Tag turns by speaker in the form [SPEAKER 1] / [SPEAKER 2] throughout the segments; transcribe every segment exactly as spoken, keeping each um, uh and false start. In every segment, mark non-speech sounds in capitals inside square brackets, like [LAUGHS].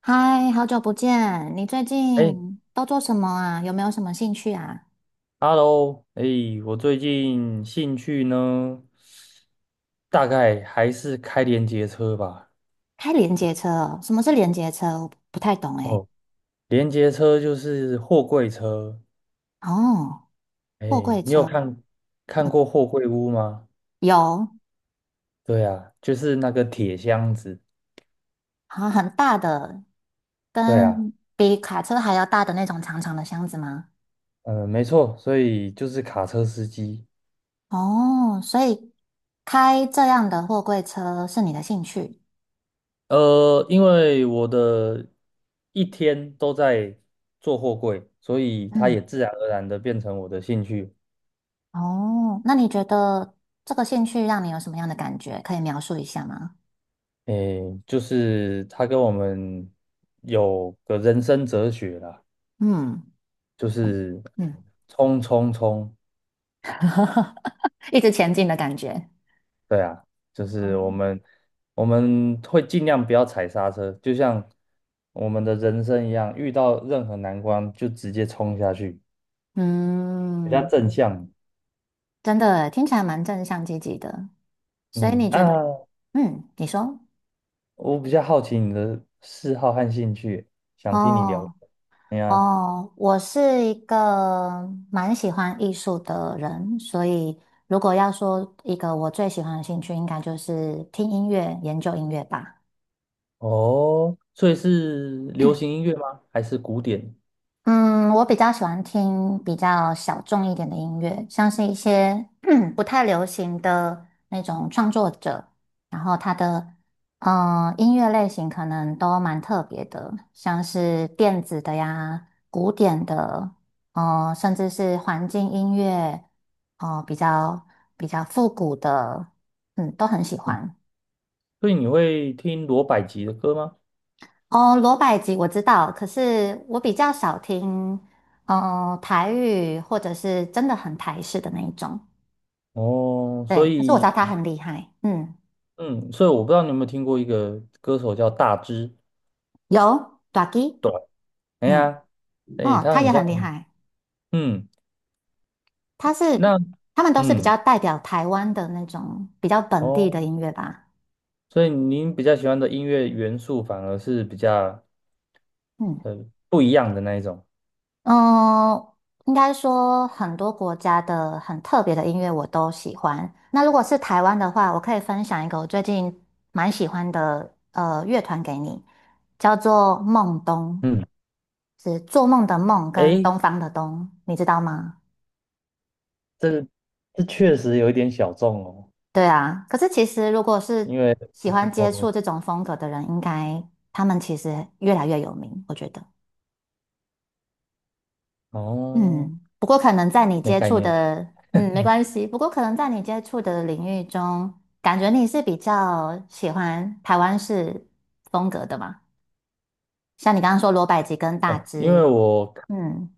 [SPEAKER 1] 嗨，好久不见！你最
[SPEAKER 2] 哎
[SPEAKER 1] 近都做什么啊？有没有什么兴趣啊？
[SPEAKER 2] ，Hello，哎，我最近兴趣呢，大概还是开连接车吧。
[SPEAKER 1] 开连接车哦，什么是连接车？我不太懂诶。
[SPEAKER 2] 哦，连接车就是货柜车。
[SPEAKER 1] 哦，
[SPEAKER 2] 哎，
[SPEAKER 1] 货柜
[SPEAKER 2] 你有
[SPEAKER 1] 车，
[SPEAKER 2] 看看过货柜屋吗？
[SPEAKER 1] 有，
[SPEAKER 2] 对啊，就是那个铁箱子。
[SPEAKER 1] 好很大的，
[SPEAKER 2] 对啊，
[SPEAKER 1] 跟比卡车还要大的那种长长的箱子吗？
[SPEAKER 2] 嗯，没错，所以就是卡车司机。
[SPEAKER 1] 哦，所以开这样的货柜车是你的兴趣？
[SPEAKER 2] 呃，因为我的一天都在做货柜，所以它也
[SPEAKER 1] 嗯，
[SPEAKER 2] 自然而然的变成我的兴趣。
[SPEAKER 1] 哦，那你觉得这个兴趣让你有什么样的感觉？可以描述一下吗？
[SPEAKER 2] 诶，就是他跟我们有个人生哲学啦，
[SPEAKER 1] 嗯。
[SPEAKER 2] 就是
[SPEAKER 1] 嗯。
[SPEAKER 2] 冲冲冲，
[SPEAKER 1] [LAUGHS] 一直前进的感觉。
[SPEAKER 2] 对啊，就是
[SPEAKER 1] 哦，
[SPEAKER 2] 我们我们会尽量不要踩刹车，就像我们的人生一样，遇到任何难关就直接冲下去，比较
[SPEAKER 1] 嗯，
[SPEAKER 2] 正向。
[SPEAKER 1] 真的听起来蛮正向积极的。所以
[SPEAKER 2] 嗯，
[SPEAKER 1] 你觉得，
[SPEAKER 2] 啊，
[SPEAKER 1] 嗯，你说，
[SPEAKER 2] 我比较好奇你的嗜好和兴趣，想听你聊。
[SPEAKER 1] 哦。
[SPEAKER 2] 哎呀，
[SPEAKER 1] 哦，我是一个蛮喜欢艺术的人，所以如果要说一个我最喜欢的兴趣，应该就是听音乐、研究音乐吧。
[SPEAKER 2] 哦，所以是流行音乐吗？还是古典？
[SPEAKER 1] 嗯，我比较喜欢听比较小众一点的音乐，像是一些 [CLEARS THROAT] 不太流行的那种创作者，然后他的嗯、呃音乐类型可能都蛮特别的，像是电子的呀、古典的，呃，甚至是环境音乐，哦、比较比较复古的，嗯，都很喜欢。
[SPEAKER 2] 所以你会听罗百吉的歌吗？
[SPEAKER 1] 哦，罗百吉我知道，可是我比较少听，嗯、台语或者是真的很台式的那一种。
[SPEAKER 2] 哦，所
[SPEAKER 1] 对，可是我知
[SPEAKER 2] 以，
[SPEAKER 1] 道他很厉害，嗯，
[SPEAKER 2] 嗯，所以我不知道你有没有听过一个歌手叫大只
[SPEAKER 1] 有 Ducky，
[SPEAKER 2] 短，哎
[SPEAKER 1] 嗯。
[SPEAKER 2] 呀，
[SPEAKER 1] 嗯，
[SPEAKER 2] 哎，
[SPEAKER 1] 哦
[SPEAKER 2] 他
[SPEAKER 1] 他
[SPEAKER 2] 很
[SPEAKER 1] 也很厉
[SPEAKER 2] 像，
[SPEAKER 1] 害，
[SPEAKER 2] 嗯，
[SPEAKER 1] 他是
[SPEAKER 2] 那，
[SPEAKER 1] 他们都是比
[SPEAKER 2] 嗯，
[SPEAKER 1] 较代表台湾的那种比较本地的
[SPEAKER 2] 哦，
[SPEAKER 1] 音乐吧，
[SPEAKER 2] 所以您比较喜欢的音乐元素反而是比较
[SPEAKER 1] 嗯。
[SPEAKER 2] 呃不一样的那一种，
[SPEAKER 1] 嗯，应该说很多国家的很特别的音乐我都喜欢。那如果是台湾的话，我可以分享一个我最近蛮喜欢的呃乐团给你，叫做梦东，
[SPEAKER 2] 嗯，
[SPEAKER 1] 是做梦的梦跟
[SPEAKER 2] 哎，
[SPEAKER 1] 东方的东，你知道吗？
[SPEAKER 2] 这这确实有一点小众哦，
[SPEAKER 1] 对啊，可是其实如果是
[SPEAKER 2] 因为，
[SPEAKER 1] 喜欢接
[SPEAKER 2] 哦
[SPEAKER 1] 触这种风格的人，应该他们其实越来越有名，我觉得。
[SPEAKER 2] 哦，
[SPEAKER 1] 嗯，不过可能在你
[SPEAKER 2] 没
[SPEAKER 1] 接
[SPEAKER 2] 概
[SPEAKER 1] 触
[SPEAKER 2] 念
[SPEAKER 1] 的，嗯，没关系。不过可能在你接触的领域中，感觉你是比较喜欢台湾式风格的嘛？像你刚刚说罗百吉跟大
[SPEAKER 2] 哦，因为
[SPEAKER 1] 只，
[SPEAKER 2] 我，
[SPEAKER 1] 嗯，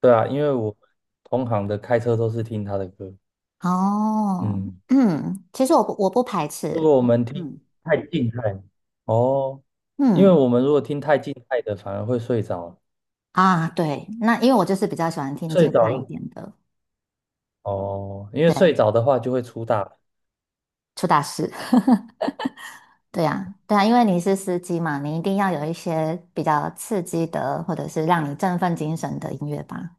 [SPEAKER 2] 对啊，因为我同行的开车都是听他的歌。
[SPEAKER 1] 哦，
[SPEAKER 2] 嗯，
[SPEAKER 1] 嗯，其实我不我不排
[SPEAKER 2] 如
[SPEAKER 1] 斥，
[SPEAKER 2] 果我们听
[SPEAKER 1] 嗯。
[SPEAKER 2] 太静态，哦，因为
[SPEAKER 1] 嗯。
[SPEAKER 2] 我们如果听太静态的，反而会睡着，
[SPEAKER 1] 啊，对，那因为我就是比较喜欢听静
[SPEAKER 2] 睡
[SPEAKER 1] 态一
[SPEAKER 2] 着
[SPEAKER 1] 点的，
[SPEAKER 2] 哦，因为睡着的话就会出大
[SPEAKER 1] 出大事，[LAUGHS] 对呀对呀，因为你是司机嘛，你一定要有一些比较刺激的，或者是让你振奋精神的音乐吧。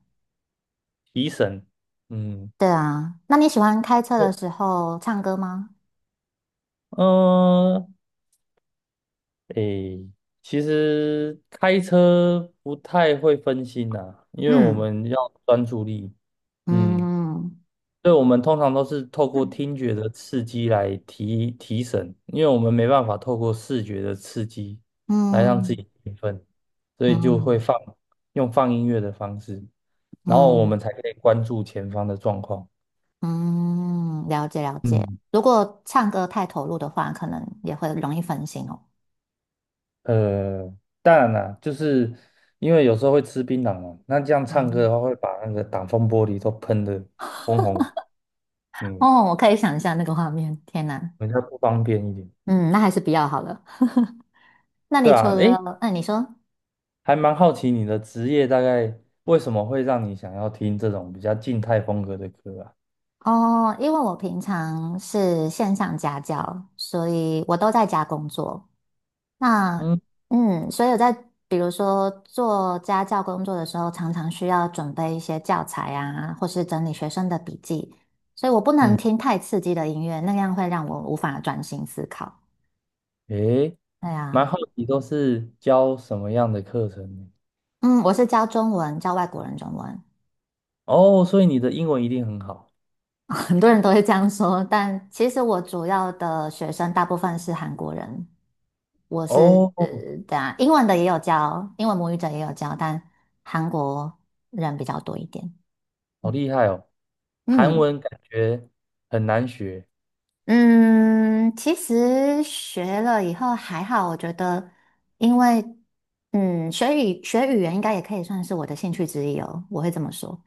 [SPEAKER 2] 提神。嗯，
[SPEAKER 1] 对啊，那你喜欢开车的
[SPEAKER 2] 会，
[SPEAKER 1] 时候唱歌吗？
[SPEAKER 2] 嗯，诶，其实开车不太会分心呐、因为我
[SPEAKER 1] 嗯。
[SPEAKER 2] 们要专注力。嗯。
[SPEAKER 1] 嗯。
[SPEAKER 2] 对，我们通常都是透过听觉的刺激来提提神，因为我们没办法透过视觉的刺激来让自
[SPEAKER 1] 嗯。
[SPEAKER 2] 己兴奋，所以就会
[SPEAKER 1] 嗯。
[SPEAKER 2] 放，用放音乐的方式，然后我
[SPEAKER 1] 嗯。
[SPEAKER 2] 们才可以关注前方的状况。
[SPEAKER 1] 嗯，了解了解。
[SPEAKER 2] 嗯，
[SPEAKER 1] 如果唱歌太投入的话，可能也会容易分心哦。
[SPEAKER 2] 呃，当然啦，就是因为有时候会吃槟榔嘛，那这样唱歌的
[SPEAKER 1] 嗯。
[SPEAKER 2] 话会把那个挡风玻璃都喷得红红，嗯，
[SPEAKER 1] 哦，我可以想象那个画面，天哪！
[SPEAKER 2] 比较不方便一点。
[SPEAKER 1] 嗯，那还是不要好了。[LAUGHS] 那你
[SPEAKER 2] 对
[SPEAKER 1] 除
[SPEAKER 2] 啊，诶，
[SPEAKER 1] 了，那你说
[SPEAKER 2] 还蛮好奇你的职业大概为什么会让你想要听这种比较静态风格的歌啊？
[SPEAKER 1] 哦，因为我平常是线上家教，所以我都在家工作。那
[SPEAKER 2] 嗯
[SPEAKER 1] 嗯，所以我在比如说做家教工作的时候，常常需要准备一些教材啊，或是整理学生的笔记，所以我不能
[SPEAKER 2] 嗯，
[SPEAKER 1] 听太刺激的音乐，那样会让我无法专心思考。
[SPEAKER 2] 诶，
[SPEAKER 1] 对
[SPEAKER 2] 蛮
[SPEAKER 1] 啊。
[SPEAKER 2] 好奇都是教什么样的课程呢？
[SPEAKER 1] 嗯，我是教中文，教外国人中文。
[SPEAKER 2] 哦，所以你的英文一定很好
[SPEAKER 1] [LAUGHS] 很多人都会这样说，但其实我主要的学生大部分是韩国人，我是呃，
[SPEAKER 2] 哦，
[SPEAKER 1] 对啊，英文的也有教，英文母语者也有教，但韩国人比较多一点。
[SPEAKER 2] 好
[SPEAKER 1] 嗯。
[SPEAKER 2] 厉害哦！韩
[SPEAKER 1] 嗯。
[SPEAKER 2] 文感觉很难学，
[SPEAKER 1] 嗯，其实学了以后还好，我觉得，因为嗯，学语学语言应该也可以算是我的兴趣之一哦，我会这么说。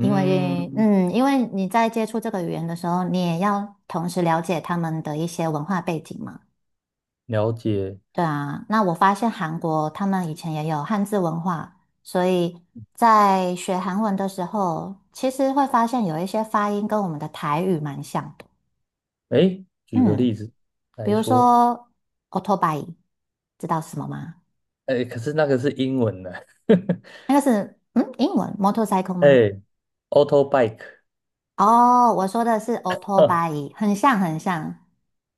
[SPEAKER 1] 因为嗯，因为你在接触这个语言的时候，你也要同时了解他们的一些文化背景嘛。
[SPEAKER 2] 了解。
[SPEAKER 1] 对啊，那我发现韩国他们以前也有汉字文化，所以在学韩文的时候，其实会发现有一些发音跟我们的台语蛮像的。
[SPEAKER 2] 诶，举个例
[SPEAKER 1] 嗯。
[SPEAKER 2] 子
[SPEAKER 1] 比
[SPEAKER 2] 来
[SPEAKER 1] 如
[SPEAKER 2] 说，
[SPEAKER 1] 说 o u t o b i， 知道是什么吗？
[SPEAKER 2] 诶，可是那个是英文的，[LAUGHS]
[SPEAKER 1] 那个是嗯，英文 motorcycle 吗？
[SPEAKER 2] 诶 a u t o bike，
[SPEAKER 1] 哦，我说的是 o u t o b
[SPEAKER 2] [LAUGHS]
[SPEAKER 1] i 很像很像。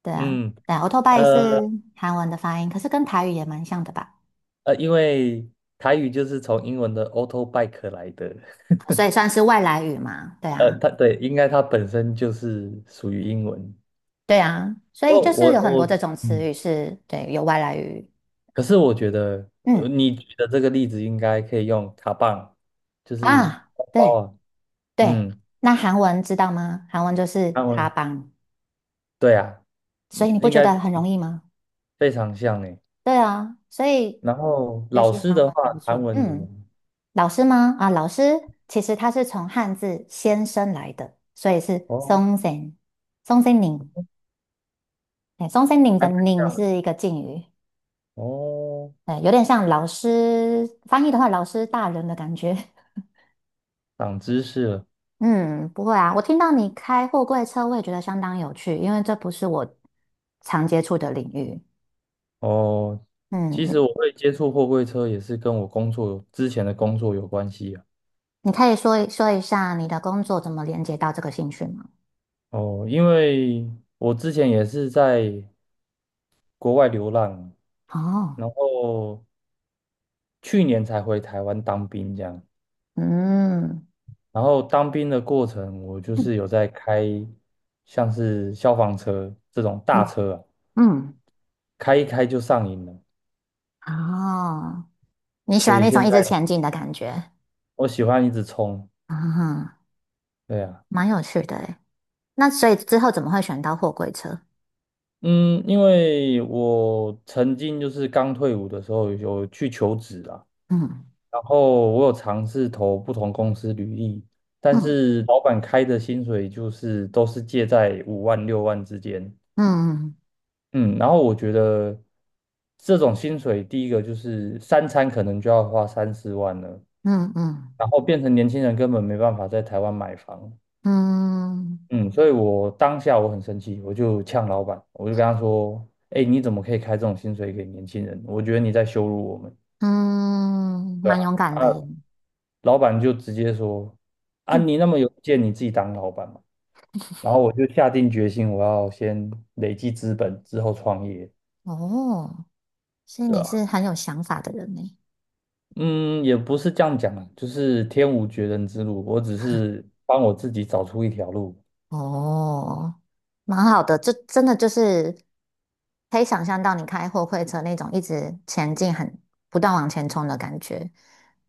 [SPEAKER 1] 对啊，
[SPEAKER 2] 嗯。
[SPEAKER 1] 对 a u t o b i
[SPEAKER 2] 呃，
[SPEAKER 1] 是韩文的发音，可是跟台语也蛮像的吧？
[SPEAKER 2] 呃，因为台语就是从英文的 auto bike 来的，
[SPEAKER 1] 所以
[SPEAKER 2] [LAUGHS]
[SPEAKER 1] 算是外来语嘛。对啊。
[SPEAKER 2] 呃，它对，应该它本身就是属于英文。
[SPEAKER 1] 对啊，所以
[SPEAKER 2] 哦，
[SPEAKER 1] 就是
[SPEAKER 2] 我
[SPEAKER 1] 有很多
[SPEAKER 2] 我
[SPEAKER 1] 这种词
[SPEAKER 2] 嗯，
[SPEAKER 1] 语是，对，有外来语。
[SPEAKER 2] 可是我觉得，呃，
[SPEAKER 1] 嗯。
[SPEAKER 2] 你举的这个例子应该可以用卡棒，就是
[SPEAKER 1] 啊，
[SPEAKER 2] 包包
[SPEAKER 1] 对
[SPEAKER 2] 啊，
[SPEAKER 1] 对，
[SPEAKER 2] 嗯，
[SPEAKER 1] 那韩文知道吗？韩文就是
[SPEAKER 2] 韩
[SPEAKER 1] 卡
[SPEAKER 2] 文，
[SPEAKER 1] 邦，
[SPEAKER 2] 对啊，
[SPEAKER 1] 所以
[SPEAKER 2] 嗯
[SPEAKER 1] 你不
[SPEAKER 2] 应
[SPEAKER 1] 觉
[SPEAKER 2] 该
[SPEAKER 1] 得很容易吗？
[SPEAKER 2] 非常像诶。
[SPEAKER 1] 对啊，所以
[SPEAKER 2] 然后
[SPEAKER 1] 学
[SPEAKER 2] 老
[SPEAKER 1] 习
[SPEAKER 2] 师
[SPEAKER 1] 韩
[SPEAKER 2] 的
[SPEAKER 1] 文
[SPEAKER 2] 话，
[SPEAKER 1] 还不
[SPEAKER 2] 韩
[SPEAKER 1] 错。
[SPEAKER 2] 文怎么？
[SPEAKER 1] 嗯，老师吗？啊，老师其实他是从汉字先生来的，所以是
[SPEAKER 2] 哦，
[SPEAKER 1] 松森松森宁。哎，松森宁
[SPEAKER 2] 还
[SPEAKER 1] 的
[SPEAKER 2] 蛮
[SPEAKER 1] 宁
[SPEAKER 2] 像的
[SPEAKER 1] 是一个敬语，
[SPEAKER 2] 哦，
[SPEAKER 1] 哎，有点像老师翻译的话，老师大人的感觉。[LAUGHS]
[SPEAKER 2] 长知识了。
[SPEAKER 1] 嗯，不会啊，我听到你开货柜车，我也觉得相当有趣，因为这不是我常接触的领域。
[SPEAKER 2] 哦，
[SPEAKER 1] 嗯，
[SPEAKER 2] 其实
[SPEAKER 1] 你
[SPEAKER 2] 我会接触货柜车也是跟我工作有之前的工作有关系啊。
[SPEAKER 1] 你可以说一说一下你的工作怎么连接到这个兴趣吗？
[SPEAKER 2] 哦，因为我之前也是在国外流浪，
[SPEAKER 1] 哦。
[SPEAKER 2] 然后去年才回台湾当兵这样。
[SPEAKER 1] 嗯。
[SPEAKER 2] 然后当兵的过程，我就是有在开像是消防车这种大
[SPEAKER 1] 嗯。
[SPEAKER 2] 车啊，
[SPEAKER 1] 嗯，
[SPEAKER 2] 开一开就上瘾了，
[SPEAKER 1] 哦，你喜
[SPEAKER 2] 所
[SPEAKER 1] 欢
[SPEAKER 2] 以
[SPEAKER 1] 那种
[SPEAKER 2] 现
[SPEAKER 1] 一
[SPEAKER 2] 在
[SPEAKER 1] 直前进的感觉，
[SPEAKER 2] 我喜欢一直冲。
[SPEAKER 1] 啊、
[SPEAKER 2] 对啊。
[SPEAKER 1] 蛮有趣的诶。那所以之后怎么会选到货柜车？
[SPEAKER 2] 嗯，因为我曾经就是刚退伍的时候有去求职啊，
[SPEAKER 1] 嗯。
[SPEAKER 2] 然后我有尝试投不同公司履历，但
[SPEAKER 1] 嗯。
[SPEAKER 2] 是老板开的薪水就是都是介在五万六万之间。
[SPEAKER 1] 嗯。
[SPEAKER 2] 嗯，然后我觉得这种薪水，第一个就是三餐可能就要花三四万了，
[SPEAKER 1] 嗯。嗯。
[SPEAKER 2] 然后变成年轻人根本没办法在台湾买房。
[SPEAKER 1] 嗯。
[SPEAKER 2] 嗯，所以我当下我很生气，我就呛老板，我就跟他说：“哎，你怎么可以开这种薪水给年轻人？我觉得你在羞辱我们。”
[SPEAKER 1] 嗯，
[SPEAKER 2] 对
[SPEAKER 1] 蛮
[SPEAKER 2] 啊。
[SPEAKER 1] 勇敢
[SPEAKER 2] 啊，
[SPEAKER 1] 的耶。
[SPEAKER 2] 老板就直接说：“啊，你那
[SPEAKER 1] [CLEARS THROAT]
[SPEAKER 2] 么有意见，你自己当老板嘛。”然后我就下定决心，我要先累积资本，之后创业，
[SPEAKER 1] 哦，所以
[SPEAKER 2] 对
[SPEAKER 1] 你是
[SPEAKER 2] 啊，
[SPEAKER 1] 很有想法的人呢。
[SPEAKER 2] 嗯，也不是这样讲啊，就是天无绝人之路，我只是帮我自己找出一条路。
[SPEAKER 1] 哦，蛮好的，这真的就是可以想象到你开货柜车那种一直前进、很不断往前冲的感觉。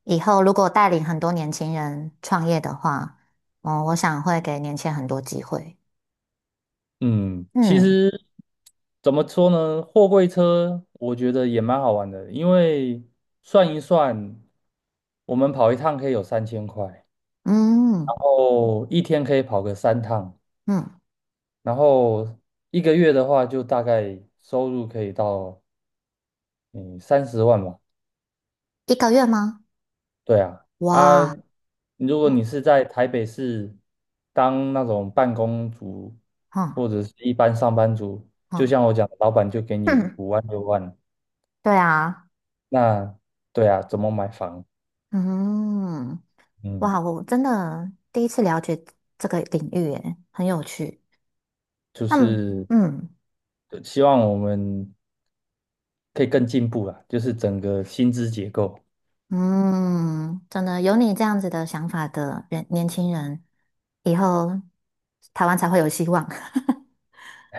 [SPEAKER 1] 以后如果带领很多年轻人创业的话，哦，我想会给年轻人很多机会。
[SPEAKER 2] 嗯，其
[SPEAKER 1] 嗯。
[SPEAKER 2] 实怎么说呢？货柜车我觉得也蛮好玩的，因为算一算，我们跑一趟可以有三千块，然
[SPEAKER 1] 嗯。
[SPEAKER 2] 后一天可以跑个三趟，
[SPEAKER 1] 嗯，
[SPEAKER 2] 然后一个月的话，就大概收入可以到嗯三十万吧。
[SPEAKER 1] 一个月吗？
[SPEAKER 2] 对啊，啊，
[SPEAKER 1] 哇。
[SPEAKER 2] 如果
[SPEAKER 1] 嗯。
[SPEAKER 2] 你是在台北市当那种办公族
[SPEAKER 1] 嗯。
[SPEAKER 2] 或者是一般上班族，就
[SPEAKER 1] 嗯。
[SPEAKER 2] 像我讲的，老板就给
[SPEAKER 1] [LAUGHS]
[SPEAKER 2] 你
[SPEAKER 1] 哼，
[SPEAKER 2] 五万六万，
[SPEAKER 1] 对啊。
[SPEAKER 2] 那对啊，怎么买房？
[SPEAKER 1] 嗯。
[SPEAKER 2] 嗯，
[SPEAKER 1] 哇，我真的第一次了解这个领域，耶，很有趣。
[SPEAKER 2] 就
[SPEAKER 1] 那么
[SPEAKER 2] 是
[SPEAKER 1] 嗯。
[SPEAKER 2] 呃希望我们可以更进步啦，就是整个薪资结构。
[SPEAKER 1] 嗯，真的有你这样子的想法的人，年轻人，以后台湾才会有希望。[LAUGHS]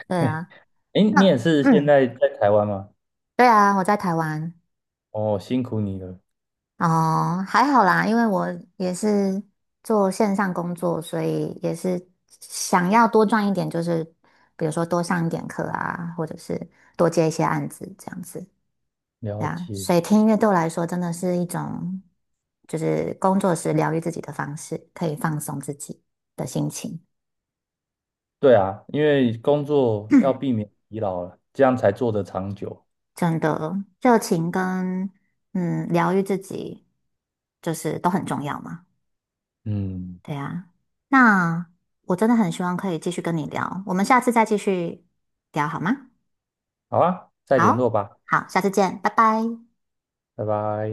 [SPEAKER 1] 对啊，
[SPEAKER 2] 诶，你也
[SPEAKER 1] 那
[SPEAKER 2] 是现
[SPEAKER 1] 嗯，
[SPEAKER 2] 在在台湾吗？
[SPEAKER 1] 对啊，我在台湾，
[SPEAKER 2] 哦，辛苦你了。
[SPEAKER 1] 哦，还好啦，因为我也是做线上工作，所以也是想要多赚一点，就是比如说多上一点课啊，或者是多接一些案子这样子。
[SPEAKER 2] 了
[SPEAKER 1] 对啊，
[SPEAKER 2] 解，
[SPEAKER 1] 所以听音乐对我来说真的是一种，就是工作时疗愈自己的方式，可以放松自己的心情，
[SPEAKER 2] 对啊，因为工作要避免疲劳了，这样才做得长久。
[SPEAKER 1] 真的热情跟嗯疗愈自己，就是都很重要嘛。
[SPEAKER 2] 嗯，
[SPEAKER 1] 对啊，那我真的很希望可以继续跟你聊，我们下次再继续聊好吗？
[SPEAKER 2] 好啊，再联络
[SPEAKER 1] 好，
[SPEAKER 2] 吧，
[SPEAKER 1] 好，下次见，拜拜。
[SPEAKER 2] 拜拜。